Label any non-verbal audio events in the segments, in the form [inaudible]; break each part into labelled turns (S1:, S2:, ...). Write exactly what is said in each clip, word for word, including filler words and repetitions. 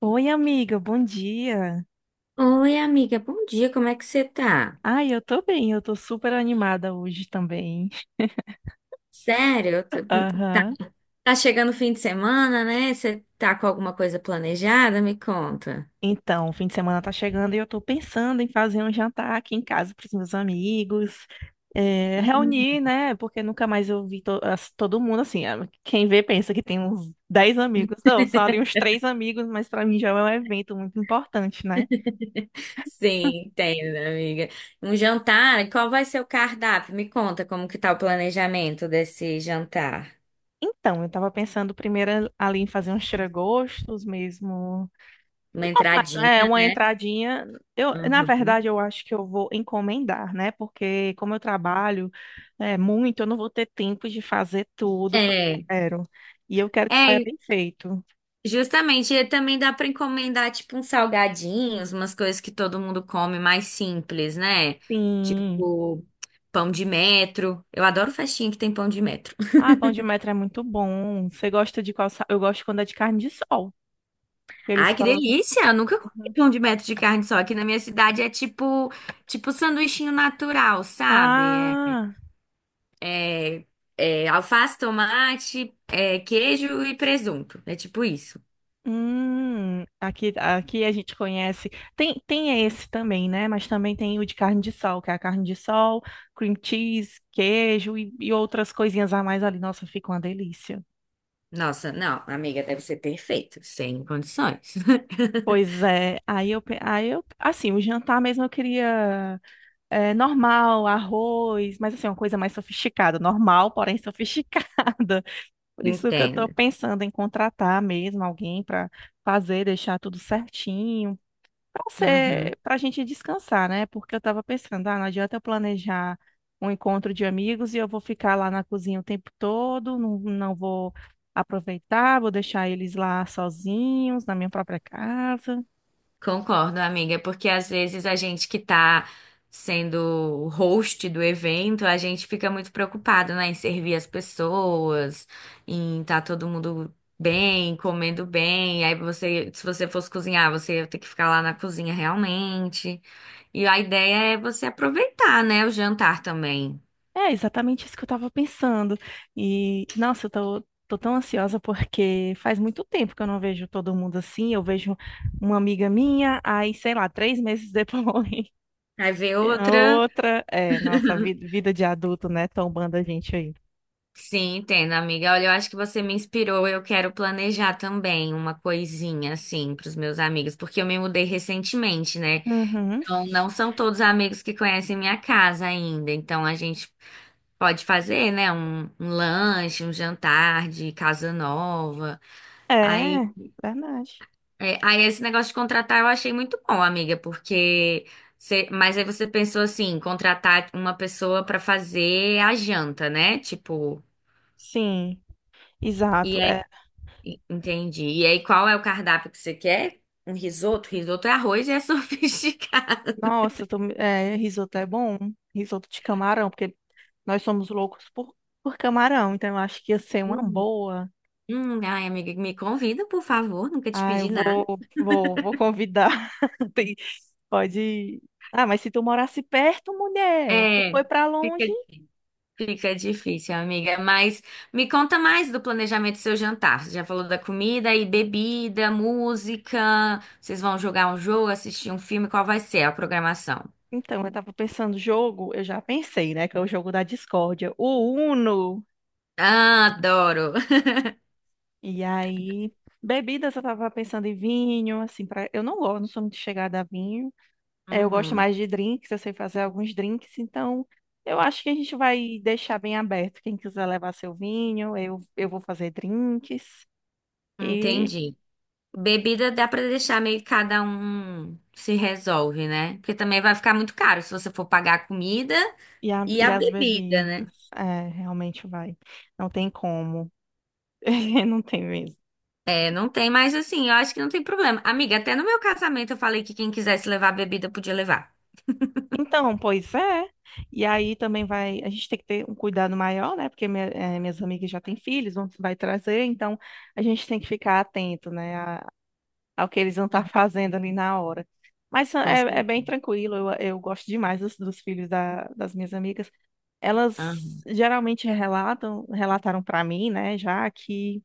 S1: Oi, amiga, bom dia.
S2: Oi, amiga, bom dia, como é que você tá?
S1: Ai, eu tô bem, eu tô super animada hoje também.
S2: Sério? eu tô- Tá,
S1: Aham.
S2: tá chegando o fim de semana, né? Você tá com alguma coisa planejada? Me conta.
S1: Então, o fim de semana tá chegando e eu tô pensando em fazer um jantar aqui em casa pros meus amigos, é,
S2: Hum.
S1: reunir, né? Porque nunca mais eu vi to- as- todo mundo assim. ah, Quem vê pensa que tem uns dez amigos. Não, são ali uns três amigos, mas pra mim já é um evento muito importante, né?
S2: Sim, entendo, amiga. Um jantar? e Qual vai ser o cardápio? Me conta como que tá o planejamento desse jantar.
S1: Então, eu tava pensando primeiro ali em fazer uns tiragostos mesmo.
S2: Uma
S1: Mas,
S2: entradinha,
S1: É uma
S2: né?
S1: entradinha. Eu, na
S2: Uhum.
S1: verdade, eu acho que eu vou encomendar, né? Porque como eu trabalho é, muito, eu não vou ter tempo de fazer tudo que eu
S2: É,
S1: quero. E eu quero que saia
S2: é,
S1: bem feito.
S2: Justamente, e também dá pra encomendar tipo uns salgadinhos, umas coisas que todo mundo come mais simples, né?
S1: Sim.
S2: Tipo pão de metro. Eu adoro festinha que tem pão de metro.
S1: Ah, pão de metro é muito bom. Você gosta de qual? sa- Eu gosto quando é de carne de sol que eles
S2: Ai, que
S1: colocam.
S2: delícia! Eu nunca comi pão de metro de carne só. Aqui na minha cidade é tipo tipo sanduichinho natural, sabe?
S1: Ah,
S2: É, é, é alface, tomate, é, queijo e presunto. É tipo isso.
S1: hum, aqui, aqui a gente conhece. Tem, tem esse também, né? Mas também tem o de carne de sol, que é a carne de sol, cream cheese, queijo e, e outras coisinhas a mais ali. Nossa, fica uma delícia.
S2: Nossa, não, amiga, deve ser perfeito, sem condições. [laughs]
S1: Pois é, aí eu, pe- aí eu, assim, o jantar mesmo eu queria é, normal, arroz, mas assim, uma coisa mais sofisticada, normal, porém sofisticada. [laughs] Por isso que eu tô
S2: Entendo.
S1: pensando em contratar mesmo alguém para fazer, deixar tudo certinho. Pra
S2: Uhum.
S1: ser, pra gente descansar, né? Porque eu tava pensando, ah, não adianta eu planejar um encontro de amigos e eu vou ficar lá na cozinha o tempo todo, não, não vou aproveitar, vou deixar eles lá sozinhos, na minha própria casa.
S2: Concordo, amiga, é porque às vezes a gente que tá sendo o host do evento, a gente fica muito preocupado, né, em servir as pessoas, em tá todo mundo bem, comendo bem. Aí você, se você fosse cozinhar, você ia ter que ficar lá na cozinha realmente. E a ideia é você aproveitar, né, o jantar também.
S1: É exatamente isso que eu tava pensando. E nossa, eu tô, tô tão ansiosa porque faz muito tempo que eu não vejo todo mundo assim. Eu vejo uma amiga minha, aí, sei lá, três meses depois. [laughs]
S2: Aí ver
S1: A
S2: outra.
S1: outra, é, nossa,
S2: [laughs]
S1: vida, vida de adulto, né? Tombando a gente aí.
S2: Sim, entendo, amiga. Olha, eu acho que você me inspirou. Eu quero planejar também uma coisinha assim para os meus amigos, porque eu me mudei recentemente, né?
S1: Uhum.
S2: Então, não são todos amigos que conhecem minha casa ainda. Então, a gente pode fazer, né? Um, um lanche, um jantar de casa nova. Aí,
S1: É, verdade.
S2: é, aí esse negócio de contratar eu achei muito bom, amiga, porque você- mas aí você pensou assim, contratar uma pessoa para fazer a janta, né? Tipo.
S1: Sim,
S2: e
S1: exato. É.
S2: En- Entendi. E aí, qual é o cardápio que você quer? Um risoto? Risoto é arroz e é [laughs] sofisticado.
S1: Nossa, tô me- é, risoto é bom. Risoto de camarão, porque nós somos loucos por, por camarão, então eu acho que ia ser uma
S2: Hum,
S1: boa.
S2: Hum, ai, amiga, me convida, por favor. Nunca te
S1: Ah, eu
S2: pedi nada.
S1: vou, vou, vou convidar. [laughs] Tem- pode. Ah, mas se tu morasse perto, mulher, tu
S2: É,
S1: foi pra
S2: fica,
S1: longe?
S2: fica difícil, amiga. Mas me conta mais do planejamento do seu jantar. Você já falou da comida e bebida, música. Vocês vão jogar um jogo, assistir um filme? Qual vai ser a programação?
S1: Então, eu tava pensando, jogo, eu já pensei, né? Que é o jogo da discórdia. O Uno.
S2: Ah, adoro. [laughs]
S1: E aí, bebidas, eu tava pensando em vinho, assim, para eu não gosto, não sou muito chegada a vinho. É, eu gosto
S2: Uhum,
S1: mais de drinks, eu sei fazer alguns drinks, então eu acho que a gente vai deixar bem aberto. Quem quiser levar seu vinho, eu, eu vou fazer drinks e,
S2: entendi. Bebida dá pra deixar meio que cada um se resolve, né? Porque também vai ficar muito caro se você for pagar a comida
S1: e, a-
S2: e
S1: e
S2: a
S1: as
S2: bebida, né?
S1: bebidas. É, realmente vai. Não tem como. [laughs] Não tem mesmo.
S2: É, não tem mais assim, eu acho que não tem problema. Amiga, até no meu casamento eu falei que quem quisesse levar bebida podia levar.
S1: Então, pois é. E aí também vai, a gente tem que ter um cuidado maior, né? Porque minha- eh, minhas amigas já têm filhos, vão, vai trazer, então a gente tem que ficar atento, né? A- ao que eles vão estar
S2: [laughs]
S1: fazendo ali na hora. Mas
S2: Com
S1: é, é bem
S2: certeza.
S1: tranquilo, eu, eu gosto demais dos, dos filhos da- das minhas amigas. Elas
S2: Aham.
S1: geralmente relatam, relataram para mim, né, já que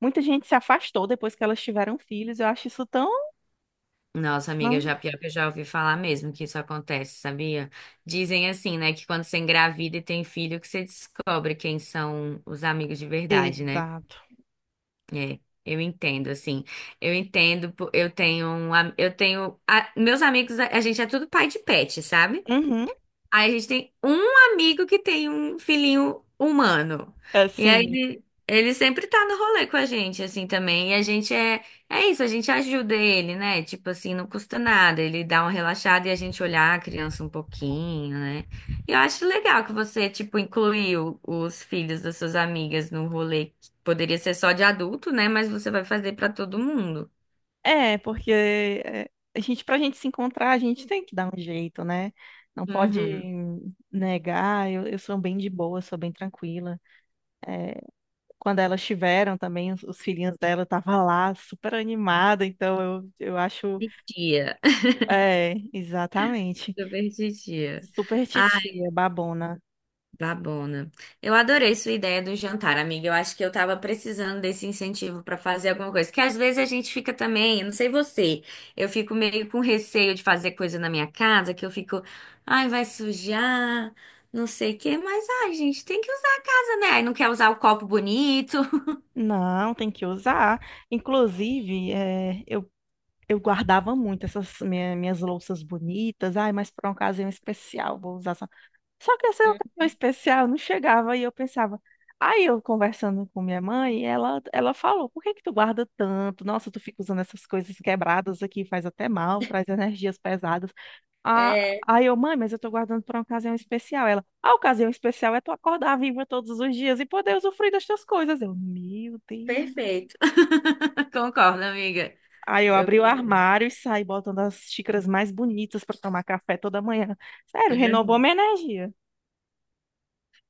S1: muita gente se afastou depois que elas tiveram filhos. Eu acho isso tão.
S2: Nossa,
S1: Ah,
S2: amiga, já pior que eu já ouvi falar mesmo que isso acontece, sabia? Dizem assim, né, que quando você engravida e tem filho, que você descobre quem são os amigos de verdade, né?
S1: exato.
S2: É, eu entendo, assim. Eu entendo, po- eu tenho um, am- eu tenho, a- meus amigos, a, a gente é tudo pai de pet, sabe?
S1: Uhum,
S2: Aí a gente tem um amigo que tem um filhinho humano. E aí
S1: assim.
S2: ele, ele sempre tá no rolê com a gente, assim, também. E a gente é, é isso, a gente ajuda ele, né? Tipo assim, não custa nada. Ele dá uma relaxada e a gente olhar a criança um pouquinho, né? E eu acho legal que você, tipo, incluiu os filhos das suas amigas no rolê. Que Poderia ser só de adulto, né? Mas você vai fazer pra todo mundo.
S1: É, porque é, a gente, pra gente se encontrar, a gente tem que dar um jeito, né? Não pode
S2: Uhum.
S1: negar. Eu, eu sou bem de boa, sou bem tranquila. Quando elas tiveram também, os, os filhinhos dela eu tava lá, super animada. Então eu, eu acho.
S2: Titia.
S1: É,
S2: [laughs]
S1: exatamente.
S2: Super titia.
S1: Super titia, babona.
S2: Babona. Eu adorei sua ideia do jantar, amiga. Eu acho que eu tava precisando desse incentivo pra fazer alguma coisa. Que às vezes a gente fica também, eu não sei você, eu fico meio com receio de fazer coisa na minha casa, que eu fico, ai, vai sujar, não sei o quê, mas ai, gente, tem que usar a casa, né? Aí não quer usar o copo bonito.
S1: Não, tem que usar. Inclusive, é, eu, eu guardava muito essas minha- minhas louças bonitas. Ai, mas para uma ocasião especial, vou usar. Só que essa ocasião
S2: [laughs]
S1: especial não chegava e eu pensava. Aí eu conversando com minha mãe, ela, ela falou: por que que tu guarda tanto? Nossa, tu fica usando essas coisas quebradas aqui, faz até mal, traz energias pesadas. Ah,
S2: É,
S1: aí eu, mãe, mas eu tô guardando pra uma ocasião especial. Ela, a ocasião especial é tu acordar viva todos os dias e poder usufruir das tuas coisas. Eu, meu Deus.
S2: perfeito. [laughs] Concordo, amiga.
S1: Aí eu
S2: Eu
S1: abri o
S2: concordo.
S1: armário e saí botando as xícaras mais bonitas pra tomar café toda manhã. Sério, renovou minha energia.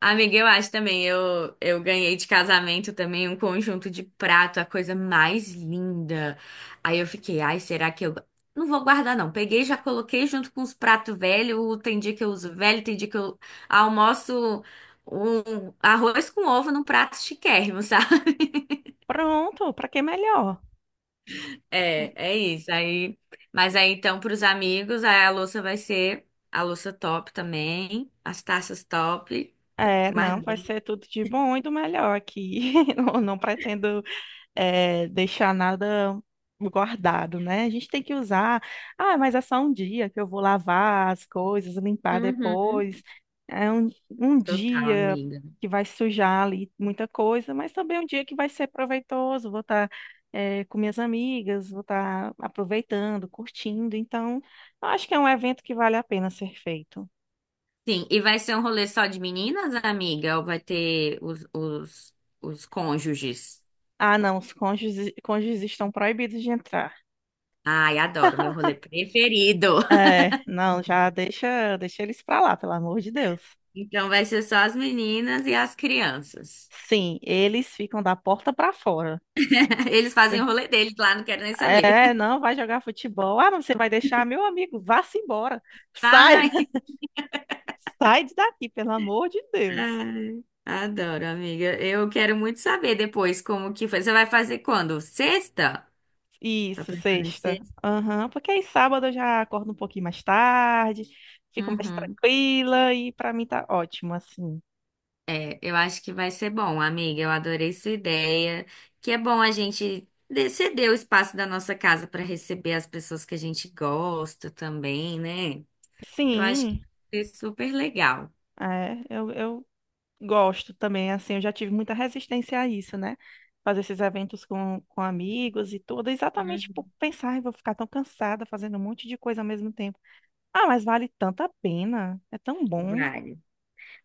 S2: Amiga, eu acho também. Eu, eu ganhei de casamento também um conjunto de prato, a coisa mais linda. Aí eu fiquei, ai, será que eu. Não vou guardar, não. Peguei, já coloquei junto com os pratos velhos. Tem dia que eu uso velho, tem dia que eu almoço um arroz com ovo num prato chiquérrimo, [laughs] sabe?
S1: Pronto, pra que melhor?
S2: É, é isso. Aí, mas aí então, para os amigos, aí a louça vai ser a louça top também, as taças top, pra
S1: É,
S2: tomar
S1: não, vai
S2: bem.
S1: ser tudo de bom e do melhor aqui. [laughs] Não, não pretendo, é, deixar nada guardado, né? A gente tem que usar. Ah, mas é só um dia que eu vou lavar as coisas, limpar
S2: Uhum.
S1: depois. É um, um
S2: Total,
S1: dia
S2: amiga.
S1: que vai sujar ali muita coisa, mas também um dia que vai ser proveitoso. Vou estar, com minhas amigas, vou estar aproveitando, curtindo. Então, eu acho que é um evento que vale a pena ser feito.
S2: Sim, e vai ser um rolê só de meninas, amiga? Ou vai ter os, os, os cônjuges?
S1: Ah, não, os cônjuges, cônjuges estão proibidos de entrar.
S2: Ai, adoro, meu rolê preferido. [laughs]
S1: É, não, já deixa, deixa eles pra lá, pelo amor de Deus.
S2: Então vai ser só as meninas e as crianças.
S1: Sim, eles ficam da porta pra fora.
S2: [laughs] Eles fazem o rolê deles lá, não quero nem saber.
S1: É,
S2: [laughs]
S1: não, vai jogar futebol. Ah, mas você vai deixar meu amigo, vá-se embora. Sai,
S2: Ai,
S1: [laughs] sai daqui, pelo amor de Deus.
S2: ai, adoro, amiga. Eu quero muito saber depois como que foi. Você vai fazer quando? Sexta? Tá
S1: Isso,
S2: pensando em
S1: sexta.
S2: sexta?
S1: Aham, porque aí sábado eu já acordo um pouquinho mais tarde, fico mais
S2: Uhum.
S1: tranquila e pra mim tá ótimo, assim.
S2: É, eu acho que vai ser bom, amiga. Eu adorei sua ideia. Que é bom a gente de- ceder o espaço da nossa casa para receber as pessoas que a gente gosta também, né? Eu acho que
S1: Sim,
S2: vai ser super legal.
S1: é, eu, eu gosto também, assim, eu já tive muita resistência a isso, né? Fazer esses eventos com, com amigos e tudo, exatamente por pensar, "Ai, vou ficar tão cansada fazendo um monte de coisa ao mesmo tempo. Ah, mas vale tanta pena, é tão bom.
S2: Vale.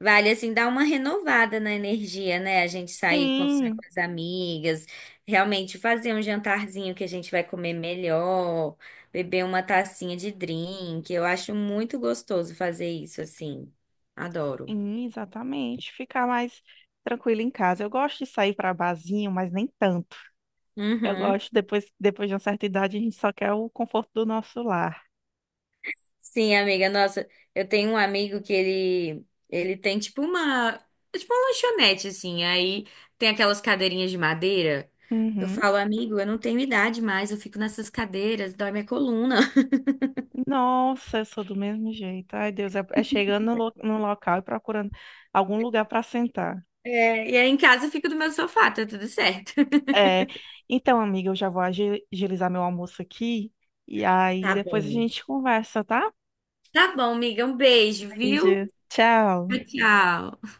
S2: Vale, assim, dar uma renovada na energia, né? A gente sair, conversar
S1: Sim,
S2: com as amigas, realmente fazer um jantarzinho que a gente vai comer melhor, beber uma tacinha de drink. Eu acho muito gostoso fazer isso, assim. Adoro.
S1: sim, exatamente, ficar mais tranquila em casa. Eu gosto de sair para barzinho, mas nem tanto. Eu
S2: Uhum.
S1: gosto, depois, depois de uma certa idade, a gente só quer o conforto do nosso lar.
S2: Sim, amiga, nossa, eu tenho um amigo que ele ele tem tipo uma, é tipo uma lanchonete assim, aí tem aquelas cadeirinhas de madeira. Eu
S1: Uhum.
S2: falo, amigo, eu não tenho idade mais, eu fico nessas cadeiras, dói minha coluna. [laughs]
S1: Nossa, eu sou do mesmo jeito. Ai, Deus, é, é chegando no, lo- no local e procurando algum lugar para sentar.
S2: É, e aí em casa eu fico no meu sofá, tá tudo certo.
S1: É, então, amiga, eu já vou agi- agilizar meu almoço aqui e aí
S2: Tá
S1: depois a
S2: bom.
S1: gente conversa, tá?
S2: Tá bom, amiga, um beijo, viu?
S1: Beijo. Tchau.
S2: Tchau. Tchau.